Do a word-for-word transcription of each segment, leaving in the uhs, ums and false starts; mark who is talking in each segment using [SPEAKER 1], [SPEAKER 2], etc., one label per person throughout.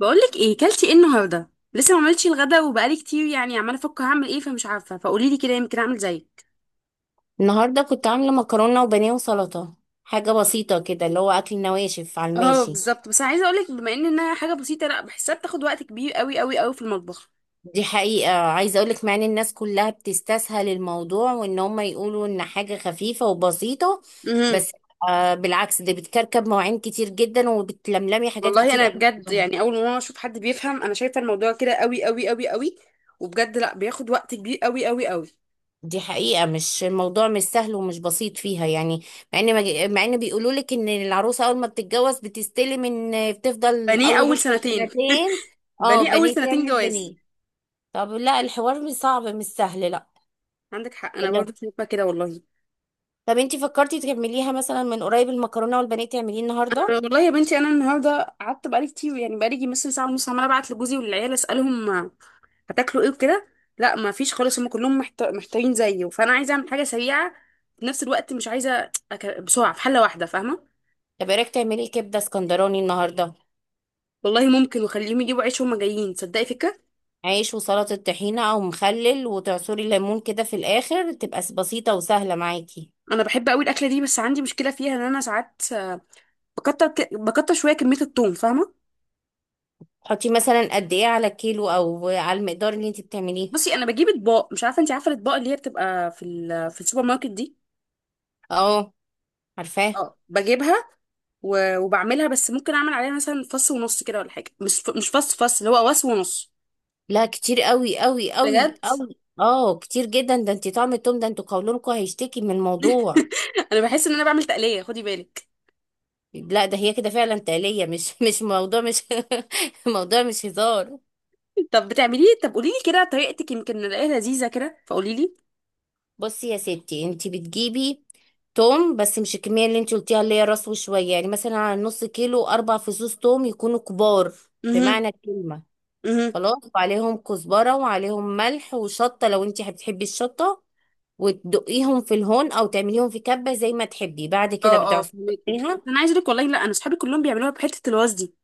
[SPEAKER 1] بقولك ايه، كلتي ايه النهارده؟ لسه ما عملتش الغدا وبقالي كتير، يعني عماله افكر هعمل ايه، فمش عارفه، فقولي لي كده يمكن اعمل زيك.
[SPEAKER 2] النهارده كنت عامله مكرونه وبانيه وسلطه. حاجه بسيطه كده، اللي هو اكل نواشف على
[SPEAKER 1] اه
[SPEAKER 2] الماشي.
[SPEAKER 1] بالظبط، بس انا عايزه اقولك بما ان انها حاجه بسيطه، لا بحسها بتاخد وقت كبير قوي قوي قوي في المطبخ.
[SPEAKER 2] دي حقيقه، عايزه اقولك مع ان الناس كلها بتستسهل الموضوع وان هم يقولوا ان حاجه خفيفه وبسيطه،
[SPEAKER 1] امم.
[SPEAKER 2] بس آه، بالعكس دي بتكركب مواعين كتير جدا وبتلملمي حاجات
[SPEAKER 1] والله
[SPEAKER 2] كتير
[SPEAKER 1] انا
[SPEAKER 2] قوي في
[SPEAKER 1] بجد،
[SPEAKER 2] اليوم.
[SPEAKER 1] يعني اول ما اشوف حد بيفهم انا شايفه الموضوع كده قوي قوي قوي قوي. وبجد لا، بياخد وقت كبير قوي قوي قوي.
[SPEAKER 2] دي حقيقه، مش الموضوع مش سهل ومش بسيط فيها يعني. مع ان مج- مع ان بيقولوا لك ان العروسه اول ما بتتجوز بتستلم ان بتفضل
[SPEAKER 1] بنيه
[SPEAKER 2] اول
[SPEAKER 1] اول
[SPEAKER 2] مثلا
[SPEAKER 1] سنتين.
[SPEAKER 2] سنتين. اه،
[SPEAKER 1] بنيه اول
[SPEAKER 2] بنيه
[SPEAKER 1] سنتين
[SPEAKER 2] تعمل
[SPEAKER 1] جواز.
[SPEAKER 2] بنيه. طب لا، الحوار مش صعب، مش سهل. لا،
[SPEAKER 1] عندك حق، انا
[SPEAKER 2] لا.
[SPEAKER 1] برضه شايفه كده والله.
[SPEAKER 2] طب انتي فكرتي تكمليها مثلا من قريب؟ المكرونه والبانيه تعمليه النهارده؟
[SPEAKER 1] والله يا بنتي، انا النهارده قعدت بقالي كتير، يعني بقالي يجي مثلا ساعه ونص عماله ابعت لجوزي والعيال اسالهم هتاكلوا ايه وكده. لا، ما فيش خالص، هم كلهم محت- محتارين زيي، فانا عايزه اعمل حاجه سريعه. في نفس الوقت مش عايزه أك... بسرعه في حله واحده، فاهمه؟
[SPEAKER 2] طب ايه رايك تعملي كبده اسكندراني النهارده؟
[SPEAKER 1] والله ممكن، وخليهم يجيبوا عيش وهم جايين، تصدقي فكره.
[SPEAKER 2] عيش وسلطه طحينه او مخلل وتعصري ليمون كده في الاخر، تبقى س- بسيطه وسهله معاكي.
[SPEAKER 1] انا بحب قوي الاكله دي، بس عندي مشكله فيها ان انا ساعات آه، بكتر ك... بكتر شويه كميه الثوم، فاهمه؟
[SPEAKER 2] حطي مثلا قد ايه على الكيلو او على المقدار اللي انتي بتعمليه؟
[SPEAKER 1] بصي، انا بجيب اطباق، مش عارفه انت عارفه الاطباق اللي هي بتبقى في ال... في السوبر ماركت دي؟
[SPEAKER 2] اه، عارفاه.
[SPEAKER 1] اه، بجيبها. و... وبعملها، بس ممكن اعمل عليها مثلا فص ونص كده ولا حاجه، مش ف... مش فص فص اللي هو واس ونص.
[SPEAKER 2] لا، كتير قوي قوي قوي
[SPEAKER 1] بجد.
[SPEAKER 2] قوي، اه كتير جدا، ده انتي طعم التوم ده انتوا قولونكوا هيشتكي من الموضوع.
[SPEAKER 1] انا بحس ان انا بعمل تقليه، خدي بالك.
[SPEAKER 2] لا ده هي كده فعلا تقلية، مش مش موضوع، مش موضوع مش هزار.
[SPEAKER 1] طب بتعمليه؟ طب قولي لي كده طريقتك، يمكن نلاقيها لذيذه كده، فقولي لي.
[SPEAKER 2] بصي يا ستي، انتي بتجيبي توم بس مش الكمية اللي انتي قلتيها اللي هي راس وشوية، يعني مثلا على نص كيلو أربع فصوص توم يكونوا كبار
[SPEAKER 1] امم،
[SPEAKER 2] بمعنى الكلمة.
[SPEAKER 1] امم.
[SPEAKER 2] خلاص، وعليهم كزبرة وعليهم ملح وشطة لو انتي بتحبي الشطة، وتدقيهم في الهون أو تعمليهم في كبة زي ما تحبي، بعد كده
[SPEAKER 1] اه، اه، فهماكي، بس
[SPEAKER 2] بتعصريها.
[SPEAKER 1] انا عايزه اقول لك والله، لا انا صحابي كلهم بيعملوها بحته الواز دي.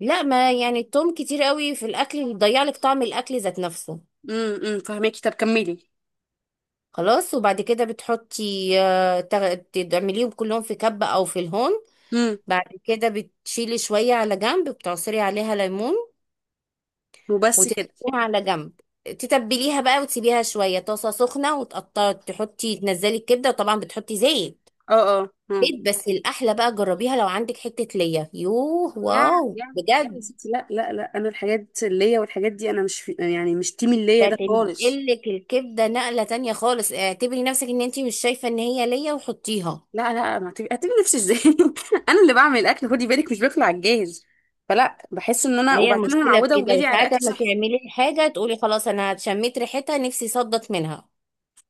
[SPEAKER 2] لا، ما يعني التوم كتير قوي في الأكل بيضيع لك طعم الأكل ذات نفسه.
[SPEAKER 1] امم، امم، فهماكي، طب كملي.
[SPEAKER 2] خلاص، وبعد كده بتحطي آه، تغ- تعمليهم كلهم في كبة او في الهون.
[SPEAKER 1] امم.
[SPEAKER 2] بعد كده بتشيلي شوية على جنب، بتعصري عليها ليمون
[SPEAKER 1] وبس
[SPEAKER 2] وتركيها
[SPEAKER 1] كده.
[SPEAKER 2] على جنب. تتبليها بقى وتسيبيها شوية، طاسة سخنة وتقطعي تحطي تنزلي الكبدة، وطبعا بتحطي زيت.
[SPEAKER 1] اه، اه. اه،
[SPEAKER 2] زيت، بس الأحلى بقى جربيها لو عندك حتة ليا، يوه
[SPEAKER 1] يا
[SPEAKER 2] واو
[SPEAKER 1] يا لا، يا
[SPEAKER 2] بجد.
[SPEAKER 1] ستي، لا، لا، لا، انا الحاجات اللي هي والحاجات دي انا مش في، يعني مش تيم اللي هي
[SPEAKER 2] ده
[SPEAKER 1] ده خالص.
[SPEAKER 2] تنقلك الكبدة نقلة تانية خالص، اعتبري نفسك ان انتي مش شايفة ان هي ليا وحطيها.
[SPEAKER 1] لا، لا، ما هتبقي هتبقي نفسي ازاي. انا اللي بعمل اكل، خدي بالك، مش باكل على الجاهز. فلا بحس ان انا،
[SPEAKER 2] ما هي
[SPEAKER 1] وبعدين انا
[SPEAKER 2] المشكلة في
[SPEAKER 1] معوده
[SPEAKER 2] كده؟
[SPEAKER 1] اولادي على
[SPEAKER 2] وساعات
[SPEAKER 1] اكل
[SPEAKER 2] لما
[SPEAKER 1] صحي.
[SPEAKER 2] تعملي حاجة تقولي خلاص أنا شميت ريحتها نفسي صدت منها.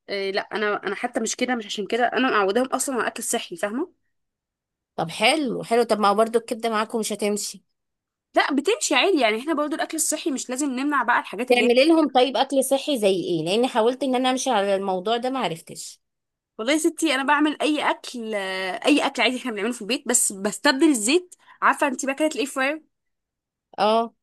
[SPEAKER 1] إيه لا، انا انا حتى مش كده، مش عشان كده انا معوداهم اصلا على الاكل الصحي، فاهمه؟
[SPEAKER 2] طب حلو حلو. طب ما هو برضو الكبدة معاكم مش هتمشي؟
[SPEAKER 1] لا، بتمشي عادي، يعني احنا برضو الاكل الصحي مش لازم نمنع بقى الحاجات اللي هي.
[SPEAKER 2] تعملي لهم طيب أكل صحي زي إيه؟ لأني حاولت إن أنا أمشي على الموضوع ده معرفتش.
[SPEAKER 1] والله يا ستي، انا بعمل اي اكل آه، اي اكل عادي احنا بنعمله في البيت، بس بستبدل الزيت. عارفه انت بقى الاير فراير؟
[SPEAKER 2] اه،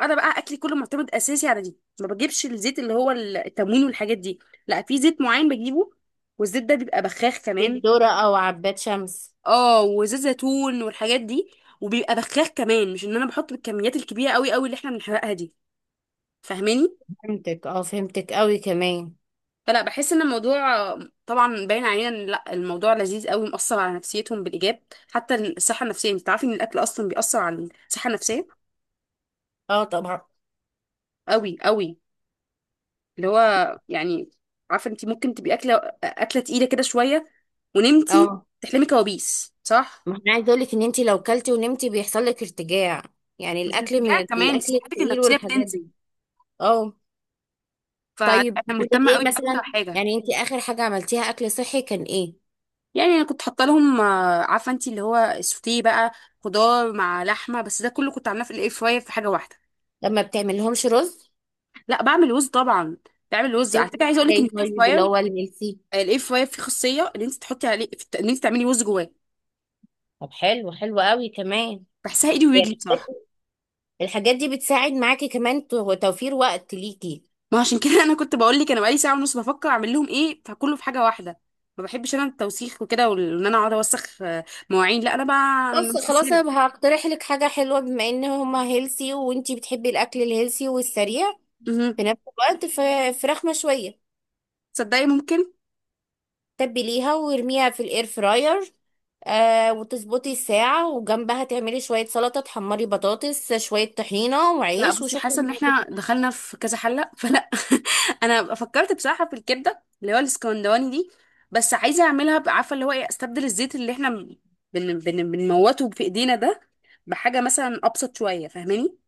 [SPEAKER 1] انا بقى اكلي كله معتمد اساسي على دي، ما بجيبش الزيت اللي هو التموين والحاجات دي. لا، في زيت معين بجيبه. والزيت ده بيبقى بخاخ
[SPEAKER 2] زيت
[SPEAKER 1] كمان.
[SPEAKER 2] ذرة أو عباد شمس؟
[SPEAKER 1] اه، وزيت زيتون والحاجات دي. وبيبقى بخاخ كمان، مش ان انا بحط بالكميات الكبيره قوي قوي اللي احنا بنحرقها دي. فاهماني؟
[SPEAKER 2] فهمتك، اه فهمتك أوي كمان.
[SPEAKER 1] فلا بحس ان الموضوع. طبعا باين علينا ان لا، الموضوع لذيذ قوي، مؤثر على نفسيتهم بالايجاب. حتى الصحه النفسيه، انت عارفه ان الاكل اصلا بيأثر على الصحه النفسيه
[SPEAKER 2] اه، طبعا.
[SPEAKER 1] قوي قوي. اللي هو يعني، عارفه انت ممكن تبقي اكله اكله تقيله كده شويه، ونمتي
[SPEAKER 2] اه،
[SPEAKER 1] تحلمي كوابيس، صح؟
[SPEAKER 2] ما أنا عايزة أقولك إن أنتي لو كلتي ونمتي بيحصل لك ارتجاع، يعني
[SPEAKER 1] بس
[SPEAKER 2] الأكل من
[SPEAKER 1] الاتجاه كمان
[SPEAKER 2] الأكل
[SPEAKER 1] صحتك
[SPEAKER 2] التقيل
[SPEAKER 1] النفسيه
[SPEAKER 2] والحاجات دي.
[SPEAKER 1] بتنزل.
[SPEAKER 2] اه، طيب
[SPEAKER 1] فانا
[SPEAKER 2] عندك
[SPEAKER 1] مهتمه
[SPEAKER 2] ايه
[SPEAKER 1] قوي اكتر
[SPEAKER 2] مثلا؟
[SPEAKER 1] حاجه.
[SPEAKER 2] يعني انت اخر حاجة عملتيها اكل صحي كان ايه؟
[SPEAKER 1] يعني انا كنت حاطه لهم آه، عارفه انت اللي هو السوتيه بقى؟ خضار مع لحمه، بس ده كله كنت عاملاه في الاير فراير في حاجه واحده.
[SPEAKER 2] لما بتعملهمش رز؟
[SPEAKER 1] لا، بعمل وز طبعا. بعمل وز، على فكره
[SPEAKER 2] بتعملي
[SPEAKER 1] عايزه اقول لك ان
[SPEAKER 2] ازاي
[SPEAKER 1] الاير
[SPEAKER 2] طيب اللي
[SPEAKER 1] فراير.
[SPEAKER 2] هو الملسي؟
[SPEAKER 1] الاير فراير فيه خاصيه ان انت تحطي عليه، ان انت تعملي وز جواه.
[SPEAKER 2] طب حلو، حلو قوي كمان.
[SPEAKER 1] بحسها ايدي ورجلي
[SPEAKER 2] يعني
[SPEAKER 1] بصراحه.
[SPEAKER 2] الحاجات دي بتساعد معاكي كمان، تو- توفير وقت ليكي؟
[SPEAKER 1] ما عشان كده انا كنت بقول لك، انا بقالي ساعه ونص بفكر اعمل لهم ايه، فكله في حاجه واحده. ما بحبش انا التوسيخ وكده، وان انا اقعد اوسخ آه، مواعين، لا انا بقى أنا
[SPEAKER 2] بص خلاص،
[SPEAKER 1] مستسهله.
[SPEAKER 2] انا هقترح لك حاجة حلوة بما ان هما هيلسي وانتي بتحبي الاكل الهيلسي والسريع في
[SPEAKER 1] مهم.
[SPEAKER 2] نفس الوقت، ف- فراخ مشوية
[SPEAKER 1] تصدقي ممكن.
[SPEAKER 2] تبليها وارميها في الاير فراير، آه وتظبطي الساعة وجنبها تعملي شوية سلطة، تحمري بطاطس، شوية طحينة
[SPEAKER 1] لا
[SPEAKER 2] وعيش
[SPEAKER 1] بصي،
[SPEAKER 2] وشكرا
[SPEAKER 1] حاسه ان
[SPEAKER 2] على
[SPEAKER 1] احنا
[SPEAKER 2] كده.
[SPEAKER 1] دخلنا في كذا حله، فلا. انا فكرت بصراحه في الكبده اللي هو الاسكندراني دي. بس عايزه اعملها ب- عارفه اللي هو ايه، استبدل الزيت اللي احنا بن بن بنموته في ايدينا ده بحاجه مثلا ابسط شويه، فاهماني؟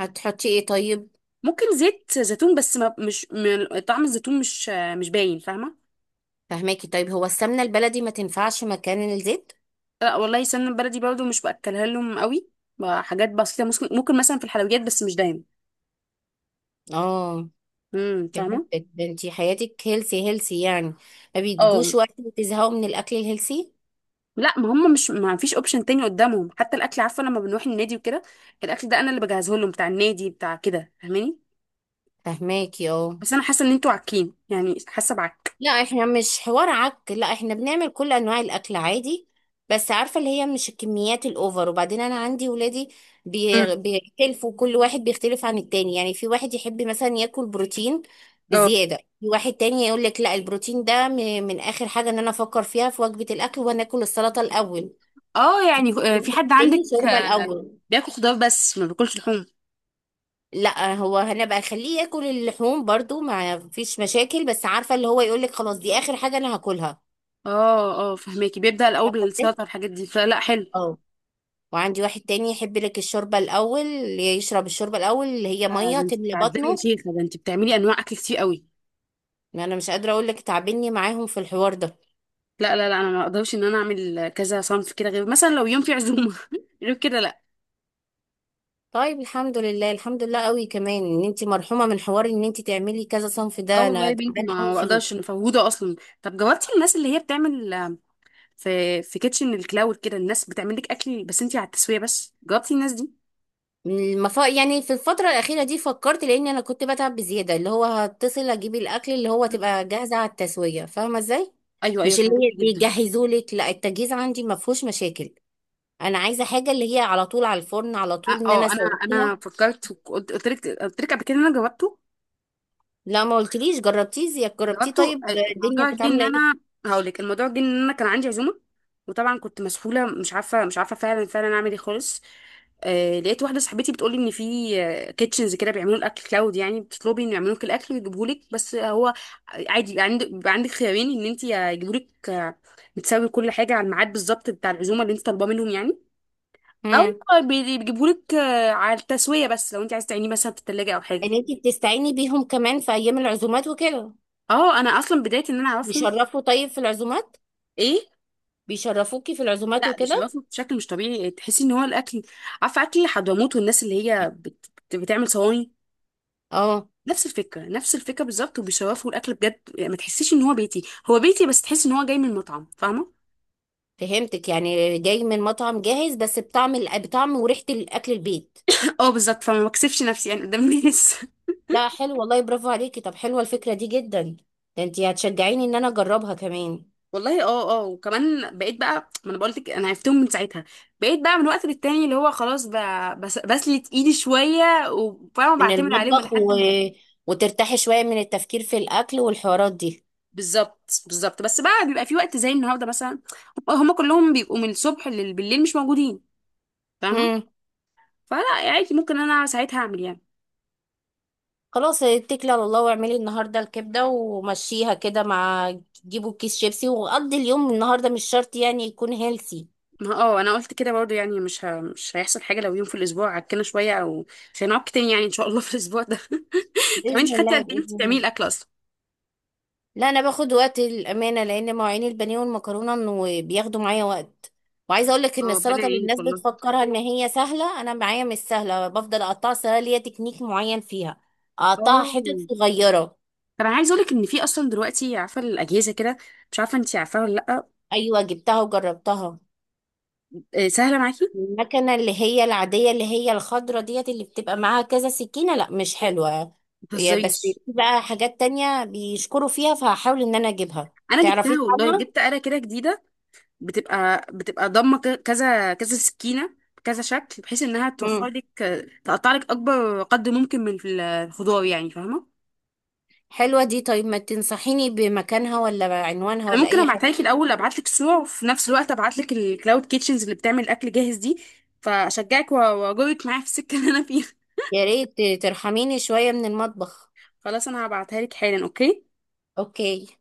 [SPEAKER 2] هتحطي ايه طيب؟
[SPEAKER 1] ممكن زيت زيتون، بس ما مش م- طعم الزيتون مش مش باين، فاهمه؟
[SPEAKER 2] فهماكي. طيب هو السمنة البلدي ما تنفعش مكان الزيت؟
[SPEAKER 1] لا والله، سمنه بلدي برضو مش باكلها لهم قوي. بقى حاجات بسيطه ممكن ممكن مثلا في الحلويات، بس مش دايما.
[SPEAKER 2] اه
[SPEAKER 1] امم، فاهمه.
[SPEAKER 2] فهمتك. ده انتي حياتك هيلسي هيلسي يعني، ما
[SPEAKER 1] اه.
[SPEAKER 2] بيتجوش وقت وتزهقوا من الأكل الهيلسي؟
[SPEAKER 1] لا، ما هم مش، ما فيش اوبشن تاني قدامهم، حتى الاكل عارفه لما بنروح النادي وكده. الاكل ده انا اللي بجهزه لهم بتاع النادي بتاع كده، فاهماني.
[SPEAKER 2] فهماكي، اه.
[SPEAKER 1] بس انا حاسه ان انتوا عاكين، يعني حاسه بعك.
[SPEAKER 2] لا، احنا مش حوار عك. لا، احنا بنعمل كل انواع الاكل عادي. بس عارفه اللي هي مش الكميات الاوفر، وبعدين انا عندي ولادي
[SPEAKER 1] مم.
[SPEAKER 2] بي- بيختلفوا، كل واحد بيختلف عن التاني، يعني في واحد يحب مثلا ياكل بروتين
[SPEAKER 1] اه،
[SPEAKER 2] بزياده، في واحد تاني يقول لك لا، البروتين ده م- من اخر حاجه ان انا افكر فيها في وجبه الاكل، وناكل السلطه الاول.
[SPEAKER 1] اه، يعني آه،
[SPEAKER 2] واحد
[SPEAKER 1] في حد عندك
[SPEAKER 2] تاني شوربه
[SPEAKER 1] آه،
[SPEAKER 2] الاول.
[SPEAKER 1] بياكل خضار، بس ما بياكلش لحوم؟
[SPEAKER 2] لا، هو هنبقى خليه ياكل اللحوم برضو ما فيش مشاكل، بس عارفه اللي هو يقول لك خلاص دي اخر حاجه انا هاكلها.
[SPEAKER 1] اه، اه، فهماكي، بيبدا الاول
[SPEAKER 2] فاهمة إزاي؟
[SPEAKER 1] بالسلطه والحاجات دي، فلا حلو.
[SPEAKER 2] وعندي واحد تاني يحب لك الشوربة الأول، اللي يشرب الشوربة الأول اللي هي
[SPEAKER 1] آه،
[SPEAKER 2] مية
[SPEAKER 1] ده انت
[SPEAKER 2] تملى
[SPEAKER 1] بتعذبي يا
[SPEAKER 2] بطنه.
[SPEAKER 1] شيخه، ده انت بتعملي انواع اكل كتير قوي.
[SPEAKER 2] ما أنا مش قادرة أقول لك، تعبني معاهم في الحوار ده.
[SPEAKER 1] لا، لا، لا، انا ما اقدرش ان انا اعمل كذا صنف كده، غير مثلا لو يوم في عزومه غير كده لا.
[SPEAKER 2] طيب الحمد لله، الحمد لله قوي كمان إن أنت مرحومة من حوار إن أنت تعملي كذا صنف،
[SPEAKER 1] اه
[SPEAKER 2] ده
[SPEAKER 1] والله
[SPEAKER 2] أنا
[SPEAKER 1] يا بنتي،
[SPEAKER 2] تعبانة قوي
[SPEAKER 1] ما بقدرش،
[SPEAKER 2] فيه.
[SPEAKER 1] مفوضه اصلا. طب جاوبتي الناس اللي هي بتعمل آم، في في كيتشن الكلاود كده، الناس بتعمل لك اكل بس انتي على التسويه، بس جاوبتي الناس دي؟
[SPEAKER 2] المف... يعني في الفترة الأخيرة دي فكرت لأن أنا كنت بتعب بزيادة، اللي هو هتصل أجيب الأكل اللي هو
[SPEAKER 1] مم.
[SPEAKER 2] تبقى جاهزة على التسوية. فاهمة إزاي؟
[SPEAKER 1] ايوه، ايوه،
[SPEAKER 2] مش اللي هي
[SPEAKER 1] فهمتني جدا.
[SPEAKER 2] بيجهزوا لك، لا التجهيز عندي ما فيهوش مشاكل. انا عايزه حاجه اللي هي على طول على الفرن، على طول
[SPEAKER 1] اه،
[SPEAKER 2] ان انا
[SPEAKER 1] آه، انا انا
[SPEAKER 2] اسويها.
[SPEAKER 1] فكرت، وقلت- قلت لك قلت لك قبل كده إن انا جاوبته.
[SPEAKER 2] لا ما قلتليش. جربتيه زيك؟ جربتيه
[SPEAKER 1] جاوبته،
[SPEAKER 2] طيب؟ الدنيا
[SPEAKER 1] الموضوع
[SPEAKER 2] كانت
[SPEAKER 1] جه ان
[SPEAKER 2] عامله ايه؟
[SPEAKER 1] انا. هقول لك، الموضوع جه ان انا كان عندي عزومه. وطبعا كنت مسحوله، مش عارفه مش عارفه فعلا فعلا اعمل ايه خالص. آه، لقيت واحده صاحبتي بتقولي ان في كيتشنز كده بيعملوا الاكل كلاود، يعني بتطلبي ان يعملوا لك الاكل ويجيبوه لك، بس هو عادي يبقى عندك يبقى عندك خيارين، ان انت يجيبوا لك آه، بتساوي كل حاجه على الميعاد بالظبط بتاع العزومه اللي انت طالباه منهم يعني. او
[SPEAKER 2] امم.
[SPEAKER 1] بي- بيجيبوا لك آه، على التسويه، بس لو انت عايزه تعينيه مثلا في التلاجة او حاجه.
[SPEAKER 2] ان انتي بتستعيني بيهم كمان في ايام العزومات وكده؟
[SPEAKER 1] اه، انا اصلا بدايه ان انا اعرفهم.
[SPEAKER 2] بيشرفوا طيب في العزومات؟
[SPEAKER 1] ايه؟
[SPEAKER 2] بيشرفوكي في العزومات
[SPEAKER 1] لا،
[SPEAKER 2] وكده؟
[SPEAKER 1] بيشرفوا بشكل مش طبيعي، تحسي ان هو الاكل. عارفه اكل حضرموت والناس اللي هي بت... بت- بتعمل صواني.
[SPEAKER 2] اه
[SPEAKER 1] نفس الفكره نفس الفكره بالظبط، وبيشرفوا الاكل بجد، يعني ما تحسيش ان هو بيتي هو بيتي، بس تحس ان هو جاي من مطعم، فاهمه؟
[SPEAKER 2] فهمتك، يعني جاي من مطعم جاهز بس بطعم الأ- بطعم وريحه الاكل البيت.
[SPEAKER 1] اه، بالظبط، فما بكسفش نفسي يعني قدام الناس
[SPEAKER 2] لا حلو والله، برافو عليكي. طب حلوه الفكره دي جدا. ده انتي هتشجعيني ان انا اجربها كمان.
[SPEAKER 1] والله، اه، اه، وكمان بقيت بقى، ما انا بقولت لك انا عرفتهم من ساعتها. بقيت بقى من وقت للتاني اللي هو خلاص ب... بس... بسلت ايدي شويه، وفاهمه،
[SPEAKER 2] من
[SPEAKER 1] بعتمد عليهم
[SPEAKER 2] المطبخ،
[SPEAKER 1] لحد
[SPEAKER 2] و...
[SPEAKER 1] ما.
[SPEAKER 2] وترتاحي شويه من التفكير في الاكل والحوارات
[SPEAKER 1] بالظبط بالظبط، بس بقى بيبقى في وقت زي النهارده مثلا. هما كلهم بيبقوا من الصبح للبالليل مش موجودين.
[SPEAKER 2] دي.
[SPEAKER 1] فاهمه؟ فلا عادي، ممكن انا ساعتها اعمل يعني.
[SPEAKER 2] خلاص اتكلي على الله واعملي النهارده الكبده ومشيها كده، مع جيبوا كيس شيبسي وقضي اليوم. النهارده مش شرط يعني يكون هيلسي.
[SPEAKER 1] ما اه، انا قلت كده برضو، يعني مش ه... مش هيحصل حاجه لو يوم في الاسبوع عكنا شويه او. مش هنعك تاني، يعني ان شاء الله في الاسبوع ده. طب انت
[SPEAKER 2] باذن
[SPEAKER 1] خدتي
[SPEAKER 2] الله،
[SPEAKER 1] قد ايه، إنتي
[SPEAKER 2] باذن
[SPEAKER 1] بتعملي
[SPEAKER 2] الله.
[SPEAKER 1] الاكل اصلا؟
[SPEAKER 2] لا انا باخد وقت الامانه، لان مواعين البانيه والمكرونه انه بياخدوا معايا وقت. وعايزه اقول لك
[SPEAKER 1] اه،
[SPEAKER 2] ان
[SPEAKER 1] ربنا
[SPEAKER 2] السلطه اللي
[SPEAKER 1] يعينك
[SPEAKER 2] الناس
[SPEAKER 1] والله.
[SPEAKER 2] بتفكرها ان هي سهله، انا معايا مش سهله، بفضل اقطعها، سهله ليا تكنيك معين فيها، اقطعها
[SPEAKER 1] اه،
[SPEAKER 2] حتت صغيره.
[SPEAKER 1] طب انا عايزه اقول لك ان في اصلا دلوقتي عارفه الاجهزه كده. مش عارفه انت عارفاها ولا لا؟
[SPEAKER 2] ايوه جبتها وجربتها.
[SPEAKER 1] آه، سهله معاكي.
[SPEAKER 2] المكنة اللي هي العادية اللي هي الخضرة ديت اللي بتبقى معاها كذا سكينة، لا مش حلوة.
[SPEAKER 1] ما
[SPEAKER 2] يا بس في
[SPEAKER 1] تهزريش.
[SPEAKER 2] بقى حاجات تانية بيشكروا فيها فهحاول ان انا اجيبها.
[SPEAKER 1] انا
[SPEAKER 2] تعرفي
[SPEAKER 1] جبتها والله،
[SPEAKER 2] عنها؟
[SPEAKER 1] جبت آلة كده جديده. بتبقى بتبقى ضامه ك- كذا كذا سكينه بكذا شكل، بحيث انها توفر
[SPEAKER 2] امم.
[SPEAKER 1] لك. تقطع لك اكبر قدر ممكن من الخضار، يعني فاهمه.
[SPEAKER 2] حلوة دي. طيب ما تنصحيني بمكانها ولا عنوانها
[SPEAKER 1] انا
[SPEAKER 2] ولا
[SPEAKER 1] ممكن
[SPEAKER 2] اي
[SPEAKER 1] ابعتها
[SPEAKER 2] حاجة؟
[SPEAKER 1] لك الاول، ابعت لك صور، وفي نفس الوقت ابعت لك الكلاود كيتشنز اللي بتعمل اكل جاهز دي، فاشجعك و- واجرك معايا في السكه اللي انا فيها.
[SPEAKER 2] يا ريت ترحميني شوية من المطبخ.
[SPEAKER 1] خلاص، انا هبعتها لك حالا، اوكي.
[SPEAKER 2] اوكي.